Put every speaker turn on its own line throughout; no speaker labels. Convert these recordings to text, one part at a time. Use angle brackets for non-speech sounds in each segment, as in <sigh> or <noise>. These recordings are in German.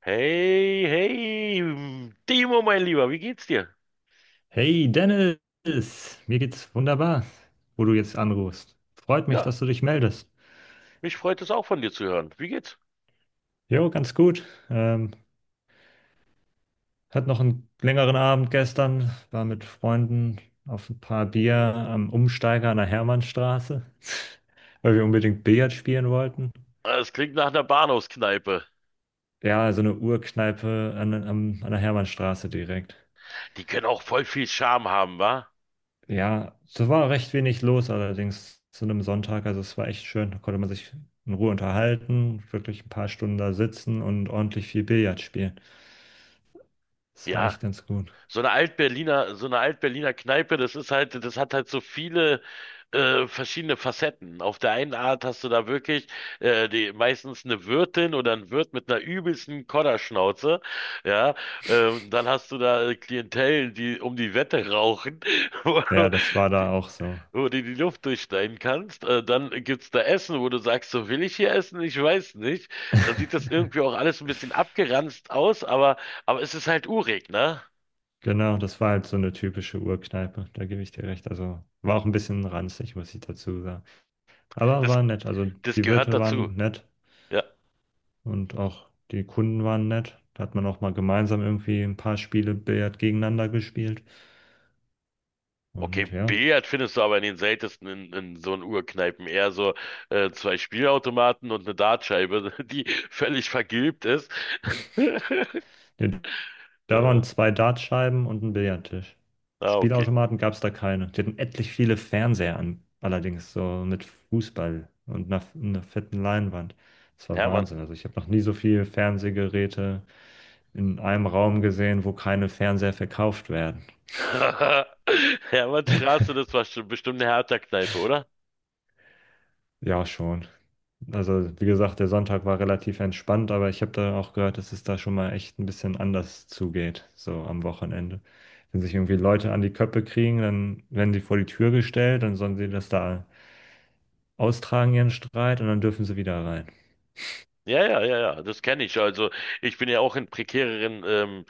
Hey, hey, Timo, mein Lieber, wie geht's dir?
Hey Dennis, mir geht's wunderbar, wo du jetzt anrufst. Freut mich,
Ja,
dass du dich meldest.
mich freut es auch von dir zu hören. Wie geht's?
Jo, ganz gut. Ähm, Hat noch einen längeren Abend gestern, war mit Freunden auf ein paar Bier am Umsteiger an der Hermannstraße, <laughs> weil wir unbedingt Billard spielen wollten.
Ah, es klingt nach einer Bahnhofskneipe.
Ja, so eine Urkneipe an der Hermannstraße direkt.
Die können auch voll viel Charme haben, wa?
Ja, es war recht wenig los allerdings zu einem Sonntag. Also es war echt schön. Da konnte man sich in Ruhe unterhalten, wirklich ein paar Stunden da sitzen und ordentlich viel Billard spielen. Das war
Ja,
echt ganz gut.
so eine Alt-Berliner Kneipe, das ist halt, das hat halt so viele verschiedene Facetten. Auf der einen Art hast du da wirklich die, meistens eine Wirtin oder ein Wirt mit einer übelsten Kodderschnauze. Ja, dann hast du da Klientel, die um die Wette rauchen.
Ja,
<laughs>
das war da auch so.
Wo du die Luft durchschneiden kannst. Dann gibt's da Essen, wo du sagst, so will ich hier essen? Ich weiß nicht. Dann sieht das irgendwie
<laughs>
auch alles ein bisschen abgeranzt aus, aber es ist halt urig, ne?
Genau, das war halt so eine typische Urkneipe, da gebe ich dir recht. Also war auch ein bisschen ranzig, muss ich dazu sagen. Aber
Das,
war nett. Also
das
die
gehört
Wirte
dazu.
waren nett
Ja.
und auch die Kunden waren nett. Da hat man auch mal gemeinsam irgendwie ein paar Spiele Billard gegeneinander gespielt. Und
Okay,
ja,
Billard findest du aber in den seltensten in so einen Urkneipen. Eher so zwei Spielautomaten und eine Dartscheibe, <laughs> die völlig vergilbt ist. <laughs>
da
Äh,
waren zwei Dartscheiben und ein Billardtisch.
okay.
Spielautomaten gab es da keine. Die hatten etlich viele Fernseher an, allerdings so mit Fußball und einer fetten Leinwand. Das war
Hermann.
Wahnsinn. Also ich habe noch nie so viele Fernsehgeräte in einem Raum gesehen, wo keine Fernseher verkauft werden.
<laughs> Hermannstraße, das war schon bestimmt eine Hertha-Kneipe, oder?
Ja, schon. Also, wie gesagt, der Sonntag war relativ entspannt, aber ich habe da auch gehört, dass es da schon mal echt ein bisschen anders zugeht, so am Wochenende. Wenn sich irgendwie Leute an die Köppe kriegen, dann werden sie vor die Tür gestellt, dann sollen sie das da austragen, ihren Streit, und dann dürfen sie wieder rein.
Ja, ja, ja, ja, das kenne ich. Also ich bin ja auch in prekäreren ähm,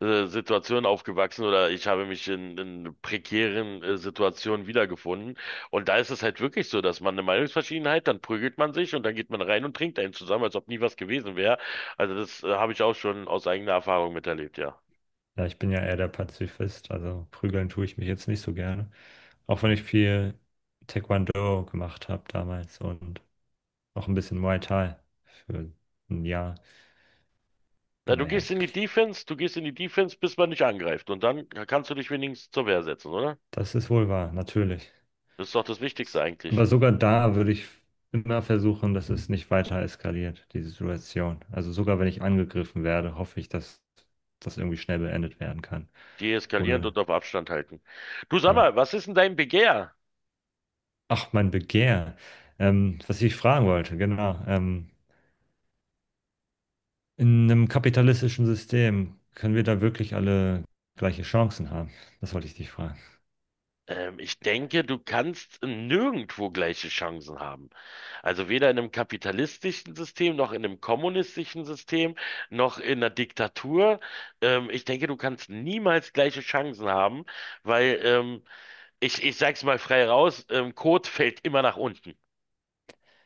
äh, Situationen aufgewachsen oder ich habe mich in prekären Situationen wiedergefunden. Und da ist es halt wirklich so, dass man eine Meinungsverschiedenheit, dann prügelt man sich und dann geht man rein und trinkt einen zusammen, als ob nie was gewesen wäre. Also das habe ich auch schon aus eigener Erfahrung miterlebt, ja.
Ja, ich bin ja eher der Pazifist, also prügeln tue ich mich jetzt nicht so gerne. Auch wenn ich viel Taekwondo gemacht habe damals und auch ein bisschen Muay Thai für ein Jahr.
Na, du
Naja,
gehst
ich,
in die Defense, du gehst in die Defense, bis man dich angreift und dann kannst du dich wenigstens zur Wehr setzen, oder?
das ist wohl wahr, natürlich.
Das ist doch das Wichtigste eigentlich.
Aber sogar da würde ich immer versuchen, dass es nicht weiter eskaliert, diese Situation. Also sogar wenn ich angegriffen werde, hoffe ich, dass das irgendwie schnell beendet werden kann.
Deeskalierend
Ohne,
und auf Abstand halten. Du sag
ja.
mal, was ist denn dein Begehr?
Ach, mein Begehr. Was ich fragen wollte, genau. In einem kapitalistischen System können wir da wirklich alle gleiche Chancen haben? Das wollte ich dich fragen.
Ich denke, du kannst nirgendwo gleiche Chancen haben. Also weder in einem kapitalistischen System, noch in einem kommunistischen System, noch in einer Diktatur. Ich denke, du kannst niemals gleiche Chancen haben, weil ich sag's mal frei raus, Kot fällt immer nach unten.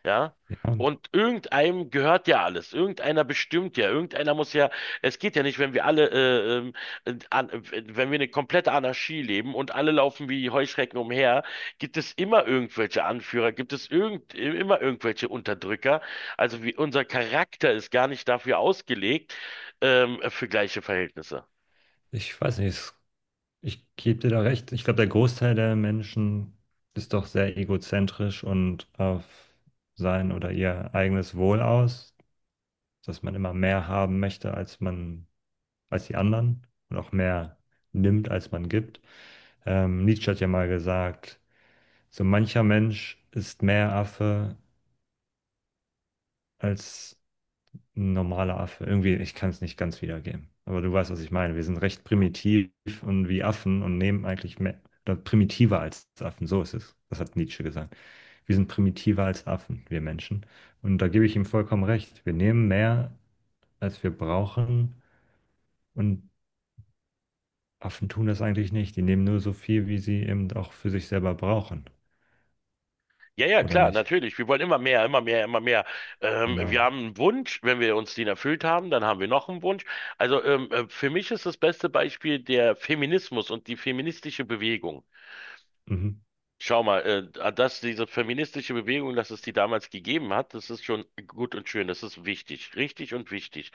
Ja?
Ja,
Und irgendeinem gehört ja alles. Irgendeiner bestimmt ja. Irgendeiner muss ja. Es geht ja nicht, wenn wir alle, äh, an, äh, wenn wir eine komplette Anarchie leben und alle laufen wie Heuschrecken umher, gibt es immer irgendwelche Anführer, gibt es immer irgendwelche Unterdrücker. Also unser Charakter ist gar nicht dafür ausgelegt, für gleiche Verhältnisse.
ich weiß nicht. Es Ich gebe dir da recht. Ich glaube, der Großteil der Menschen ist doch sehr egozentrisch und auf sein oder ihr eigenes Wohl aus, dass man immer mehr haben möchte, als die anderen und auch mehr nimmt, als man gibt. Nietzsche hat ja mal gesagt, so mancher Mensch ist mehr Affe, als ein normaler Affe. Irgendwie, ich kann es nicht ganz wiedergeben. Aber du weißt, was ich meine. Wir sind recht primitiv und wie Affen und nehmen eigentlich mehr, oder primitiver als Affen. So ist es. Das hat Nietzsche gesagt. Wir sind primitiver als Affen, wir Menschen. Und da gebe ich ihm vollkommen recht. Wir nehmen mehr, als wir brauchen. Und Affen tun das eigentlich nicht. Die nehmen nur so viel, wie sie eben auch für sich selber brauchen.
Ja, ja,
Oder
klar,
nicht?
natürlich. Wir wollen immer mehr, immer mehr, immer mehr. Wir
Genau.
haben einen Wunsch, wenn wir uns den erfüllt haben, dann haben wir noch einen Wunsch. Also für mich ist das beste Beispiel der Feminismus und die feministische Bewegung.
Mhm.
Schau mal, dass diese feministische Bewegung, dass es die damals gegeben hat, das ist schon gut und schön, das ist wichtig, richtig und wichtig.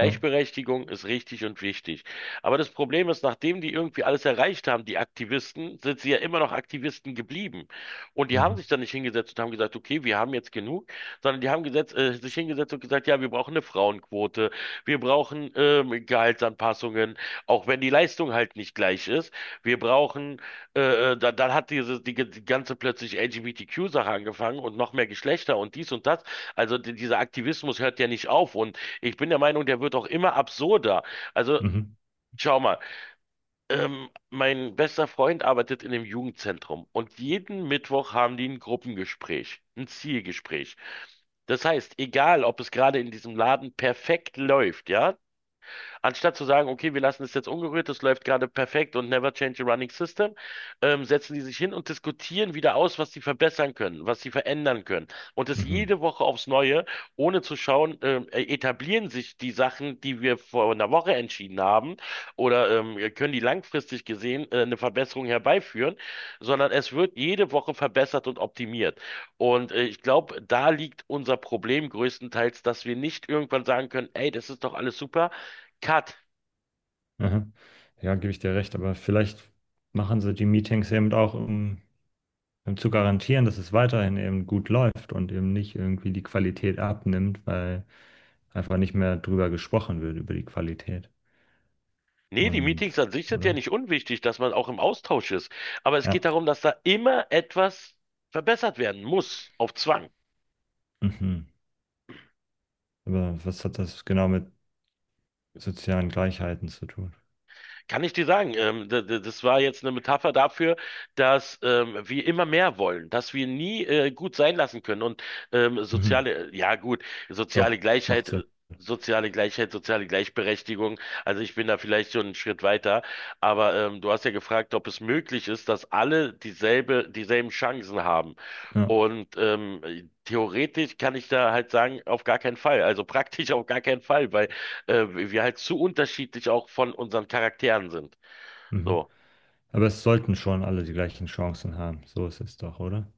Ja.
ist richtig und wichtig. Aber das Problem ist, nachdem die irgendwie alles erreicht haben, die Aktivisten, sind sie ja immer noch Aktivisten geblieben. Und die haben
Mhm.
sich dann nicht hingesetzt und haben gesagt, okay, wir haben jetzt genug, sondern die haben sich hingesetzt und gesagt, ja, wir brauchen eine Frauenquote, wir brauchen Gehaltsanpassungen, auch wenn die Leistung halt nicht gleich ist. Wir brauchen dann hat diese die ganze plötzlich LGBTQ-Sache angefangen und noch mehr Geschlechter und dies und das. Also dieser Aktivismus hört ja nicht auf und ich bin der Meinung, der wird auch immer absurder. Also
Mhm.
schau mal, mein bester Freund arbeitet in einem Jugendzentrum und jeden Mittwoch haben die ein Gruppengespräch, ein Zielgespräch. Das heißt, egal, ob es gerade in diesem Laden perfekt läuft, ja, anstatt zu sagen, okay, wir lassen es jetzt ungerührt, das läuft gerade perfekt und never change a running system, setzen die sich hin und diskutieren wieder aus, was sie verbessern können, was sie verändern können. Und das
Mhm. Mhm.
jede Woche aufs Neue, ohne zu schauen, etablieren sich die Sachen, die wir vor einer Woche entschieden haben, oder können die langfristig gesehen eine Verbesserung herbeiführen, sondern es wird jede Woche verbessert und optimiert. Und ich glaube, da liegt unser Problem größtenteils, dass wir nicht irgendwann sagen können, ey, das ist doch alles super. Cut.
Aha. Ja, gebe ich dir recht, aber vielleicht machen sie die Meetings eben auch, um, um zu garantieren, dass es weiterhin eben gut läuft und eben nicht irgendwie die Qualität abnimmt, weil einfach nicht mehr drüber gesprochen wird, über die Qualität.
Nee, die
Und,
Meetings an sich sind ja
oder?
nicht unwichtig, dass man auch im Austausch ist. Aber es geht
Ja.
darum, dass da immer etwas verbessert werden muss, auf Zwang.
Mhm. Aber was hat das genau mit sozialen Gleichheiten zu tun?
Kann ich dir sagen, das war jetzt eine Metapher dafür, dass wir immer mehr wollen, dass wir nie gut sein lassen können und
Mhm.
soziale, ja gut, soziale
Doch, das macht
Gleichheit,
Sinn.
soziale Gleichheit, soziale Gleichberechtigung. Also ich bin da vielleicht schon einen Schritt weiter, aber du hast ja gefragt, ob es möglich ist, dass alle dieselbe, dieselben Chancen haben.
Ja.
Und theoretisch kann ich da halt sagen, auf gar keinen Fall, also praktisch <laughs> auf gar keinen Fall, weil wir halt zu unterschiedlich auch von unseren Charakteren sind.
Mhm.
So.
Aber es sollten schon alle die gleichen Chancen haben. So ist es doch, oder?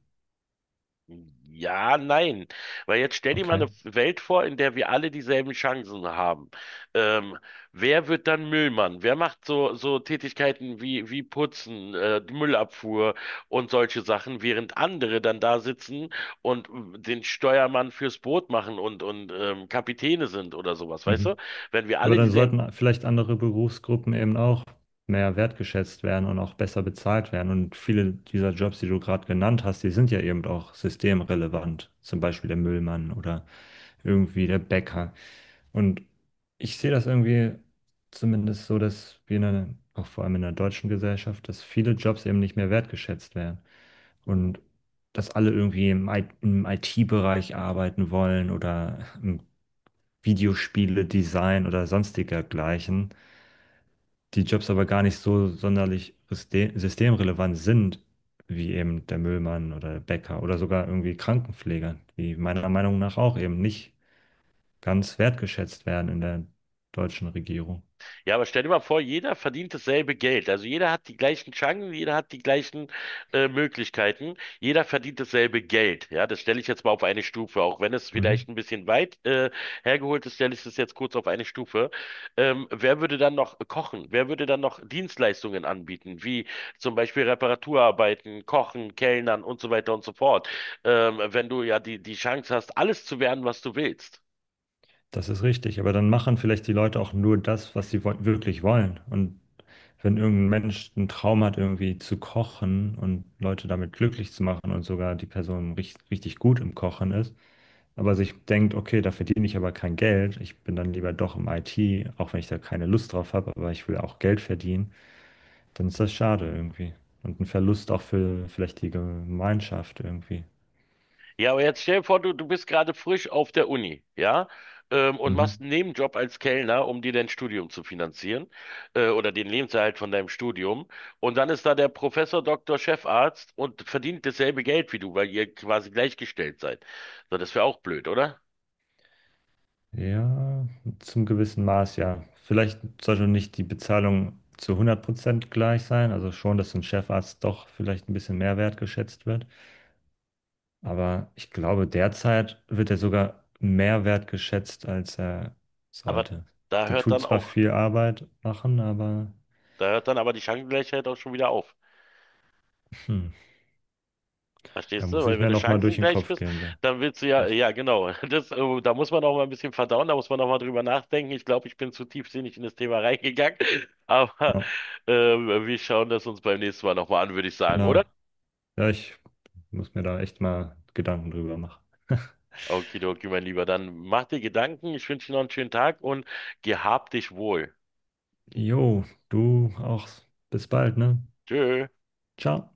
Ja, nein. Weil jetzt stell dir mal
Okay.
eine Welt vor, in der wir alle dieselben Chancen haben. Ähm, Wer wird dann Müllmann? Wer macht so, so Tätigkeiten wie Putzen, die Müllabfuhr und solche Sachen, während andere dann da sitzen und den Steuermann fürs Boot machen und Kapitäne sind oder sowas, weißt du?
Mhm.
Wenn wir
Aber
alle
dann
dieselben —
sollten vielleicht andere Berufsgruppen eben auch mehr wertgeschätzt werden und auch besser bezahlt werden. Und viele dieser Jobs, die du gerade genannt hast, die sind ja eben auch systemrelevant. Zum Beispiel der Müllmann oder irgendwie der Bäcker. Und ich sehe das irgendwie zumindest so, dass wir in einer, auch vor allem in der deutschen Gesellschaft, dass viele Jobs eben nicht mehr wertgeschätzt werden. Und dass alle irgendwie im IT-Bereich arbeiten wollen oder im Videospiele, Design oder sonstiger gleichen, die Jobs aber gar nicht so sonderlich systemrelevant sind, wie eben der Müllmann oder der Bäcker oder sogar irgendwie Krankenpfleger, die meiner Meinung nach auch eben nicht ganz wertgeschätzt werden in der deutschen Regierung.
ja, aber stell dir mal vor, jeder verdient dasselbe Geld. Also jeder hat die gleichen Chancen, jeder hat die gleichen Möglichkeiten, jeder verdient dasselbe Geld. Ja, das stelle ich jetzt mal auf eine Stufe, auch wenn es
Mhm.
vielleicht ein bisschen weit hergeholt ist, stelle ich das jetzt kurz auf eine Stufe. Wer würde dann noch kochen? Wer würde dann noch Dienstleistungen anbieten, wie zum Beispiel Reparaturarbeiten, Kochen, Kellnern und so weiter und so fort? Wenn du ja die, die Chance hast, alles zu werden, was du willst.
Das ist richtig, aber dann machen vielleicht die Leute auch nur das, was sie wirklich wollen. Und wenn irgendein Mensch einen Traum hat, irgendwie zu kochen und Leute damit glücklich zu machen und sogar die Person richtig gut im Kochen ist, aber sich denkt, okay, da verdiene ich aber kein Geld, ich bin dann lieber doch im IT, auch wenn ich da keine Lust drauf habe, aber ich will auch Geld verdienen, dann ist das schade irgendwie. Und ein Verlust auch für vielleicht die Gemeinschaft irgendwie.
Ja, aber jetzt stell dir vor, du bist gerade frisch auf der Uni, ja, und machst
Mhm.
einen Nebenjob als Kellner, um dir dein Studium zu finanzieren, oder den Lebenserhalt von deinem Studium. Und dann ist da der Professor, Doktor, Chefarzt und verdient dasselbe Geld wie du, weil ihr quasi gleichgestellt seid. So, das wäre auch blöd, oder?
Ja, zum gewissen Maß, ja. Vielleicht sollte nicht die Bezahlung zu 100% gleich sein, also schon, dass ein Chefarzt doch vielleicht ein bisschen mehr wertgeschätzt wird. Aber ich glaube, derzeit wird er sogar mehr wertgeschätzt, als er
Aber
sollte.
da
Der
hört
tut
dann
zwar
auch,
viel Arbeit machen, aber
da hört dann aber die Chancengleichheit auch schon wieder auf.
hm, er
Verstehst du?
muss
Weil
ich
wenn
mir
du
nochmal durch den
chancengleich
Kopf
bist,
gehen so.
dann willst du ja,
Das,
ja genau, <laughs> da muss man auch mal ein bisschen verdauen, da muss man auch mal drüber nachdenken. Ich glaube, ich bin zu tiefsinnig in das Thema reingegangen, <laughs> aber
ja,
äh, wir schauen das uns beim nächsten Mal nochmal an, würde ich sagen, oder?
genau. Ja, ich muss mir da echt mal Gedanken drüber machen. <laughs>
Okidoki, mein Lieber, dann mach dir Gedanken, ich wünsche dir noch einen schönen Tag und gehab dich wohl.
Jo, du auch. Bis bald, ne?
Tschö.
Ciao.